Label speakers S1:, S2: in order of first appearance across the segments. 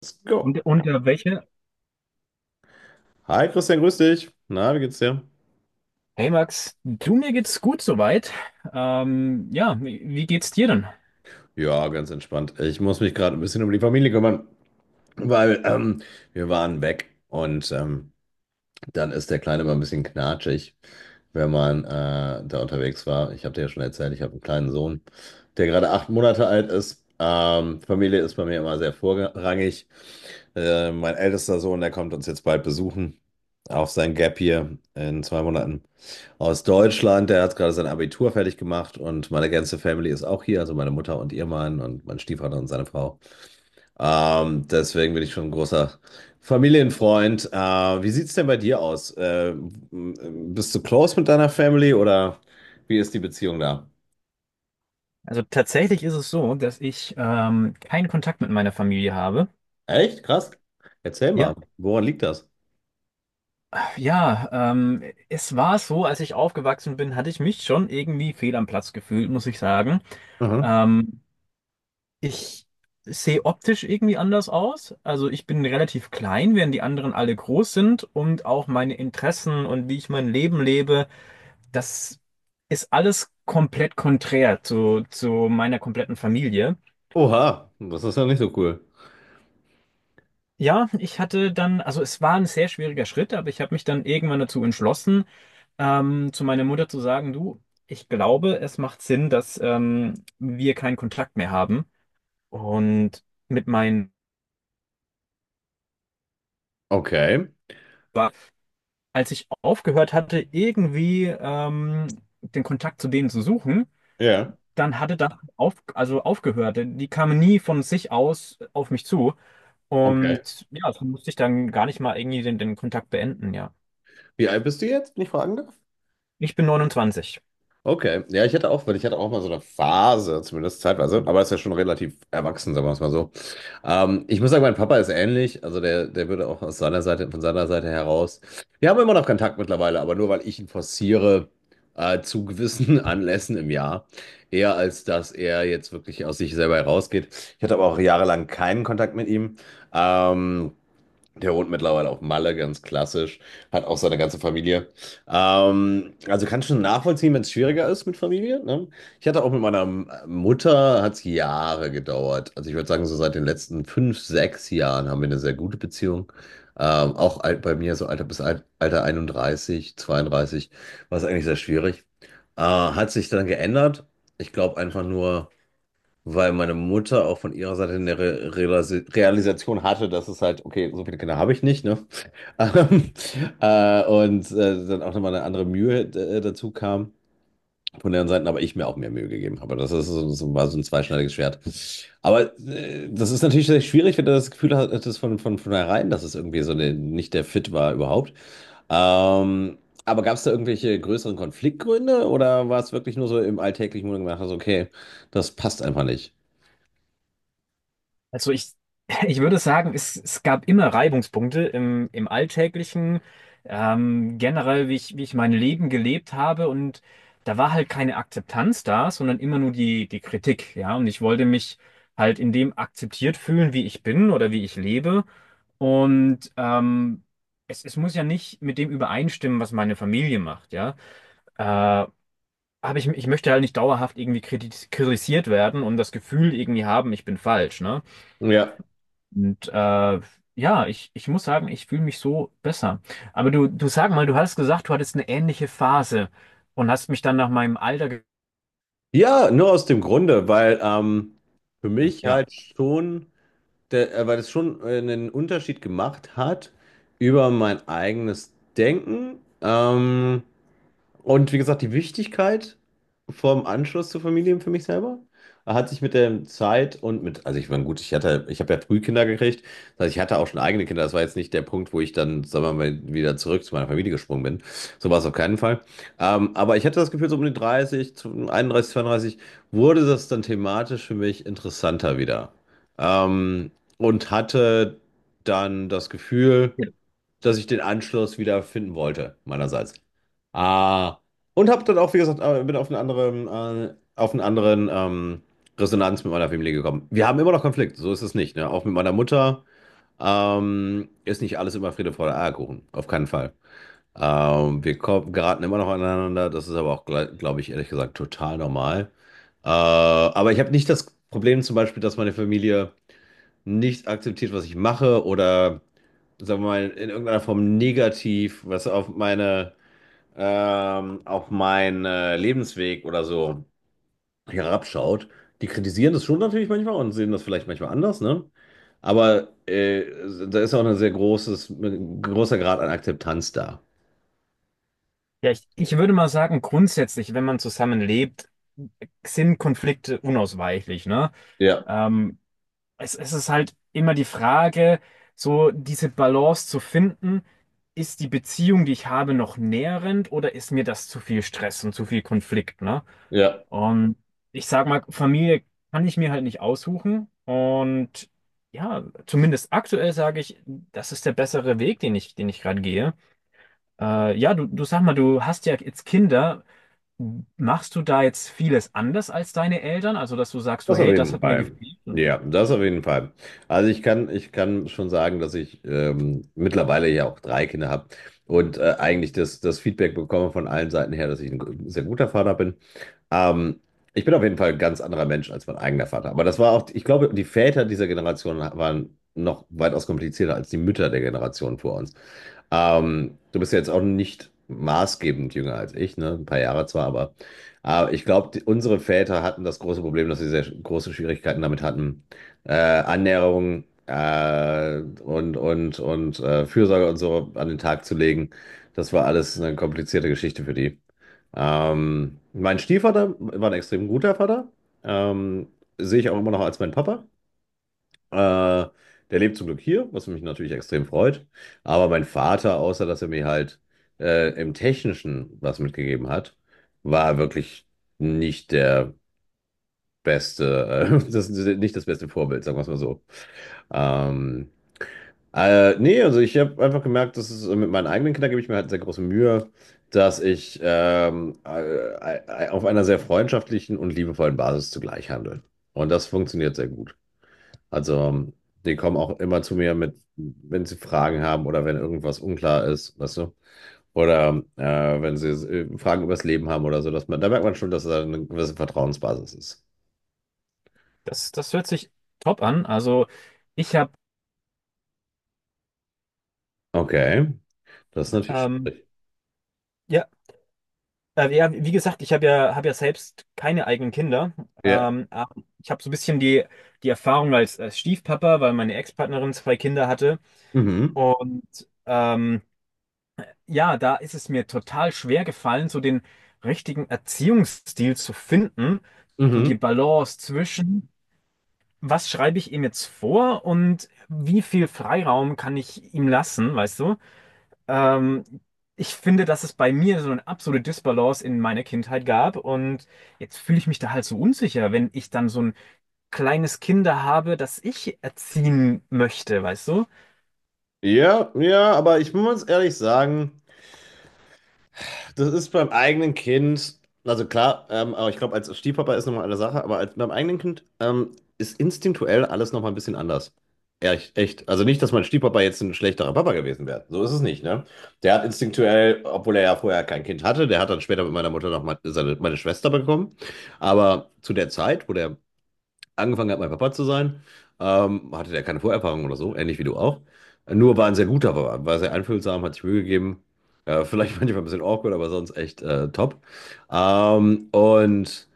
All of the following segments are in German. S1: Let's go.
S2: Und unter welche?
S1: Hi Christian, grüß dich. Na, wie geht's dir?
S2: Hey Max, du, mir geht's gut soweit. Ja, wie geht's dir denn?
S1: Ja, ganz entspannt. Ich muss mich gerade ein bisschen um die Familie kümmern, weil wir waren weg, und dann ist der Kleine mal ein bisschen knatschig, wenn man da unterwegs war. Ich habe dir ja schon erzählt, ich habe einen kleinen Sohn, der gerade 8 Monate alt ist. Familie ist bei mir immer sehr vorrangig. Mein ältester Sohn, der kommt uns jetzt bald besuchen auf sein Gap hier in 2 Monaten, aus Deutschland. Der hat gerade sein Abitur fertig gemacht, und meine ganze Family ist auch hier, also meine Mutter und ihr Mann und mein Stiefvater und seine Frau. Deswegen bin ich schon ein großer Familienfreund. Wie sieht's denn bei dir aus? Bist du close mit deiner Family, oder wie ist die Beziehung da?
S2: Also tatsächlich ist es so, dass ich keinen Kontakt mit meiner Familie habe.
S1: Echt? Krass. Erzähl mal,
S2: Ja,
S1: woran liegt das?
S2: ja, ähm, Es war so, als ich aufgewachsen bin, hatte ich mich schon irgendwie fehl am Platz gefühlt, muss ich sagen.
S1: Mhm.
S2: Ähm, Ich sehe optisch irgendwie anders aus. Also ich bin relativ klein, während die anderen alle groß sind und auch meine Interessen und wie ich mein Leben lebe. Das ist alles komplett konträr zu meiner kompletten Familie.
S1: Oha, das ist ja nicht so cool.
S2: Ja, ich hatte dann, also es war ein sehr schwieriger Schritt, aber ich habe mich dann irgendwann dazu entschlossen, zu meiner Mutter zu sagen, du, ich glaube, es macht Sinn, dass wir keinen Kontakt mehr haben. Und mit meinen,
S1: Okay.
S2: als ich aufgehört hatte, irgendwie den Kontakt zu denen zu suchen,
S1: Ja.
S2: dann hatte das auf, also aufgehört. Die kamen nie von sich aus auf mich zu.
S1: Okay.
S2: Und ja, so musste ich dann gar nicht mal irgendwie den Kontakt beenden, ja.
S1: Wie alt bist du jetzt, wenn ich fragen darf?
S2: Ich bin 29.
S1: Okay, ja, ich hatte auch, weil ich hatte auch mal so eine Phase, zumindest zeitweise, aber ist ja schon relativ erwachsen, sagen wir es mal so. Ich muss sagen, mein Papa ist ähnlich, also der würde auch aus seiner Seite, von seiner Seite heraus. Wir haben immer noch Kontakt mittlerweile, aber nur weil ich ihn forciere, zu gewissen Anlässen im Jahr, eher als dass er jetzt wirklich aus sich selber herausgeht. Ich hatte aber auch jahrelang keinen Kontakt mit ihm. Ähm, Der wohnt mittlerweile auf Malle, ganz klassisch. Hat auch seine ganze Familie. Also kann schon nachvollziehen, wenn es schwieriger ist mit Familie. Ne? Ich hatte auch mit meiner Mutter, hat es Jahre gedauert. Also ich würde sagen, so seit den letzten 5, 6 Jahren haben wir eine sehr gute Beziehung. Auch alt, bei mir so Alter bis Alter 31, 32, war es eigentlich sehr schwierig. Hat sich dann geändert. Ich glaube einfach nur, weil meine Mutter auch von ihrer Seite eine Realisation hatte, dass es halt, okay, so viele Kinder habe ich nicht, ne? Ähm, und dann auch nochmal eine andere Mühe dazu kam von deren Seiten, aber ich mir auch mehr Mühe gegeben habe. Das ist so, war so ein zweischneidiges Schwert. Aber das ist natürlich sehr schwierig, wenn du das Gefühl hattest von, herein, dass es irgendwie so eine, nicht der Fit war überhaupt. Ähm, aber gab es da irgendwelche größeren Konfliktgründe, oder war es wirklich nur so im alltäglichen, wo du gedacht hast, okay, das passt einfach nicht?
S2: Also ich, ich würde sagen, es gab immer Reibungspunkte im Alltäglichen, generell, wie ich mein Leben gelebt habe. Und da war halt keine Akzeptanz da, sondern immer nur die Kritik, ja. Und ich wollte mich halt in dem akzeptiert fühlen, wie ich bin oder wie ich lebe. Und es muss ja nicht mit dem übereinstimmen, was meine Familie macht, ja. Äh, Ich möchte halt nicht dauerhaft irgendwie kritisiert werden und das Gefühl irgendwie haben, ich bin falsch, ne?
S1: Ja.
S2: Und ja, ich muss sagen, ich fühle mich so besser. Aber du sag mal, du hast gesagt, du hattest eine ähnliche Phase und hast mich dann nach meinem Alter, ge
S1: Ja, nur aus dem Grunde, weil für mich
S2: ja.
S1: halt schon, weil es schon einen Unterschied gemacht hat über mein eigenes Denken. Und wie gesagt, die Wichtigkeit vom Anschluss zur Familie für mich selber hat sich mit der Zeit, und mit, also ich meine, gut, ich hatte, ich habe ja früh Kinder gekriegt, das heißt, ich hatte auch schon eigene Kinder. Das war jetzt nicht der Punkt, wo ich dann, sagen wir mal, wieder zurück zu meiner Familie gesprungen bin. So war es auf keinen Fall. Aber ich hatte das Gefühl, so um die 30, 31, 32 wurde das dann thematisch für mich interessanter wieder. Ähm, und hatte dann das Gefühl, dass ich den Anschluss wieder finden wollte, meinerseits. Ah, und habe dann auch, wie gesagt, bin auf auf einen anderen Resonanz mit meiner Familie gekommen. Wir haben immer noch Konflikt, so ist es nicht. Ne? Auch mit meiner Mutter ist nicht alles immer Friede, Freude, Eierkuchen, auf keinen Fall. Wir geraten immer noch aneinander, das ist aber auch, glaube ich, ehrlich gesagt, total normal. Aber ich habe nicht das Problem zum Beispiel, dass meine Familie nicht akzeptiert, was ich mache, oder sagen wir mal, in irgendeiner Form negativ, was auf auf meinen Lebensweg oder so herabschaut. Die kritisieren das schon natürlich manchmal und sehen das vielleicht manchmal anders, ne? Aber da ist auch ein sehr großes, ein großer Grad an Akzeptanz da.
S2: Ja, ich würde mal sagen, grundsätzlich, wenn man zusammenlebt, sind Konflikte unausweichlich, ne?
S1: Ja,
S2: Ähm, Es ist halt immer die Frage, so diese Balance zu finden, ist die Beziehung, die ich habe, noch nährend oder ist mir das zu viel Stress und zu viel Konflikt, ne?
S1: ja.
S2: Und ich sag mal, Familie kann ich mir halt nicht aussuchen. Und ja, zumindest aktuell sage ich, das ist der bessere Weg, den ich gerade gehe. Ja, du sag mal, du hast ja jetzt Kinder. Machst du da jetzt vieles anders als deine Eltern? Also, dass du sagst, du,
S1: Das auf
S2: hey, das
S1: jeden
S2: hat mir
S1: Fall.
S2: gefehlt.
S1: Ja, das auf jeden Fall. Also ich kann schon sagen, dass ich mittlerweile ja auch drei Kinder habe, und eigentlich das Feedback bekomme von allen Seiten her, dass ich ein sehr guter Vater bin. Ähm, Ich bin auf jeden Fall ein ganz anderer Mensch als mein eigener Vater. Aber das war auch, ich glaube, die Väter dieser Generation waren noch weitaus komplizierter als die Mütter der Generation vor uns. Du bist ja jetzt auch nicht maßgebend jünger als ich, ne? Ein paar Jahre zwar, aber ich glaube, unsere Väter hatten das große Problem, dass sie sehr große Schwierigkeiten damit hatten, Annäherung und Fürsorge und so an den Tag zu legen. Das war alles eine komplizierte Geschichte für die. Mein Stiefvater war ein extrem guter Vater. Ähm, Sehe ich auch immer noch als mein Papa. Äh, Der lebt zum Glück hier, was mich natürlich extrem freut. Aber mein Vater, außer dass er mir halt im Technischen was mitgegeben hat, war wirklich nicht der beste, nicht das beste Vorbild, sagen wir es mal so. Ähm, Nee, also ich habe einfach gemerkt, dass es mit meinen eigenen Kindern gebe ich mir halt sehr große Mühe, dass ich auf einer sehr freundschaftlichen und liebevollen Basis zugleich handle. Und das funktioniert sehr gut. Also, die kommen auch immer zu mir mit, wenn sie Fragen haben oder wenn irgendwas unklar ist, weißt du? Oder wenn sie Fragen übers Leben haben oder so, dass man, da merkt man schon, dass da eine gewisse Vertrauensbasis ist.
S2: Das hört sich top an. Also ich habe,
S1: Okay, das ist natürlich
S2: ähm,
S1: schwierig.
S2: ja, ja, wie gesagt, hab ja selbst keine eigenen Kinder.
S1: Ja.
S2: Aber ich habe so ein bisschen die Erfahrung als Stiefpapa, weil meine Ex-Partnerin zwei Kinder hatte.
S1: Mhm.
S2: Und ähm, ja, da ist es mir total schwer gefallen, so den richtigen Erziehungsstil zu finden. So die
S1: Mhm.
S2: Balance zwischen, was schreibe ich ihm jetzt vor und wie viel Freiraum kann ich ihm lassen, weißt du? Ähm, Ich finde, dass es bei mir so eine absolute Disbalance in meiner Kindheit gab und jetzt fühle ich mich da halt so unsicher, wenn ich dann so ein kleines Kinder habe, das ich erziehen möchte, weißt du?
S1: Ja, ja, aber ich muss ehrlich sagen, das ist beim eigenen Kind, also klar, aber ich glaube, als Stiefpapa ist nochmal eine Sache, aber als, beim eigenen Kind ist instinktuell alles nochmal ein bisschen anders. Echt, echt. Also nicht, dass mein Stiefpapa jetzt ein schlechterer Papa gewesen wäre. So ist es nicht, ne? Der hat instinktuell, obwohl er ja vorher kein Kind hatte, der hat dann später mit meiner Mutter noch mal meine Schwester bekommen. Aber zu der Zeit, wo der angefangen hat, mein Papa zu sein, hatte der keine Vorerfahrung oder so, ähnlich wie du auch. Nur war ein sehr guter Papa, war sehr einfühlsam, hat sich Mühe gegeben. Vielleicht manchmal ein bisschen awkward, aber sonst echt top. Ähm, und.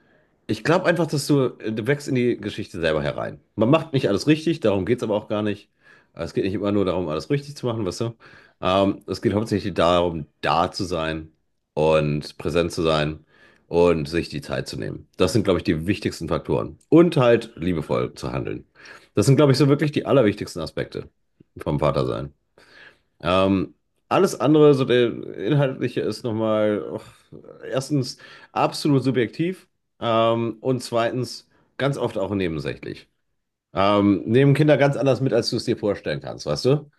S1: Ich glaube einfach, dass du wächst in die Geschichte selber herein. Man macht nicht alles richtig, darum geht es aber auch gar nicht. Also es geht nicht immer nur darum, alles richtig zu machen, weißt du? Es geht hauptsächlich darum, da zu sein und präsent zu sein und sich die Zeit zu nehmen. Das sind, glaube ich, die wichtigsten Faktoren. Und halt liebevoll zu handeln. Das sind, glaube ich, so wirklich die allerwichtigsten Aspekte vom Vatersein. Ähm, Alles andere, so der inhaltliche ist nochmal, oh, erstens absolut subjektiv, und zweitens ganz oft auch nebensächlich. Nehmen Kinder ganz anders mit, als du es dir vorstellen kannst, weißt du?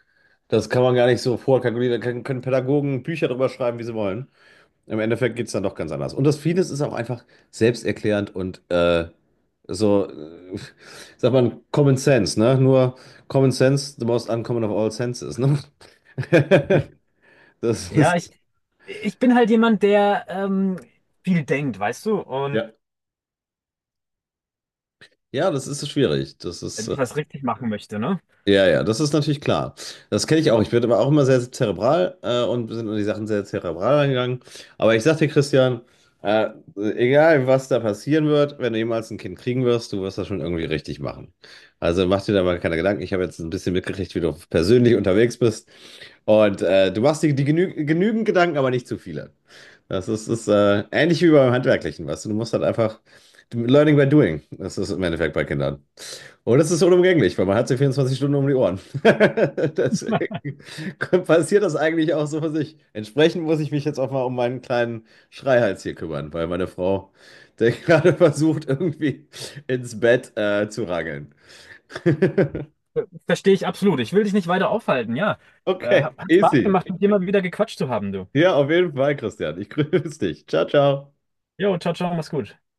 S1: Das kann man gar nicht so vorkalkulieren. Da können Pädagogen Bücher drüber schreiben, wie sie wollen. Im Endeffekt geht es dann doch ganz anders. Und das vieles ist auch einfach selbsterklärend und so, sagt man, Common Sense, ne? Nur Common Sense, the most uncommon of all senses, ne? Das
S2: Ja,
S1: ist,
S2: ich bin halt jemand, der viel denkt, weißt du, und
S1: ja. Ja, das ist so schwierig.
S2: ich was richtig machen möchte, ne?
S1: Ja, ja, das ist natürlich klar. Das kenne ich auch. Ich bin aber auch immer sehr zerebral, und sind an die Sachen sehr zerebral angegangen. Aber ich sag dir, Christian, äh, egal was da passieren wird, wenn du jemals ein Kind kriegen wirst, du wirst das schon irgendwie richtig machen. Also mach dir da mal keine Gedanken. Ich habe jetzt ein bisschen mitgekriegt, wie du persönlich unterwegs bist. Und du machst dir die genügend Gedanken, aber nicht zu viele. Das ist ähnlich wie beim Handwerklichen, weißt du. Du musst halt einfach Learning by doing. Das ist im Endeffekt bei Kindern. Und das ist unumgänglich, weil man hat sie 24 Stunden um die Ohren. Deswegen passiert das eigentlich auch so für sich. Entsprechend muss ich mich jetzt auch mal um meinen kleinen Schreihals hier kümmern, weil meine Frau, der gerade versucht, irgendwie ins Bett zu rangeln.
S2: Verstehe ich absolut. Ich will dich nicht weiter aufhalten, ja.
S1: Okay,
S2: Hat Spaß
S1: easy.
S2: gemacht, mit dir mal wieder gequatscht zu haben, du.
S1: Ja, auf jeden Fall, Christian. Ich grüße dich. Ciao, ciao.
S2: Jo, ciao, ciao, mach's gut.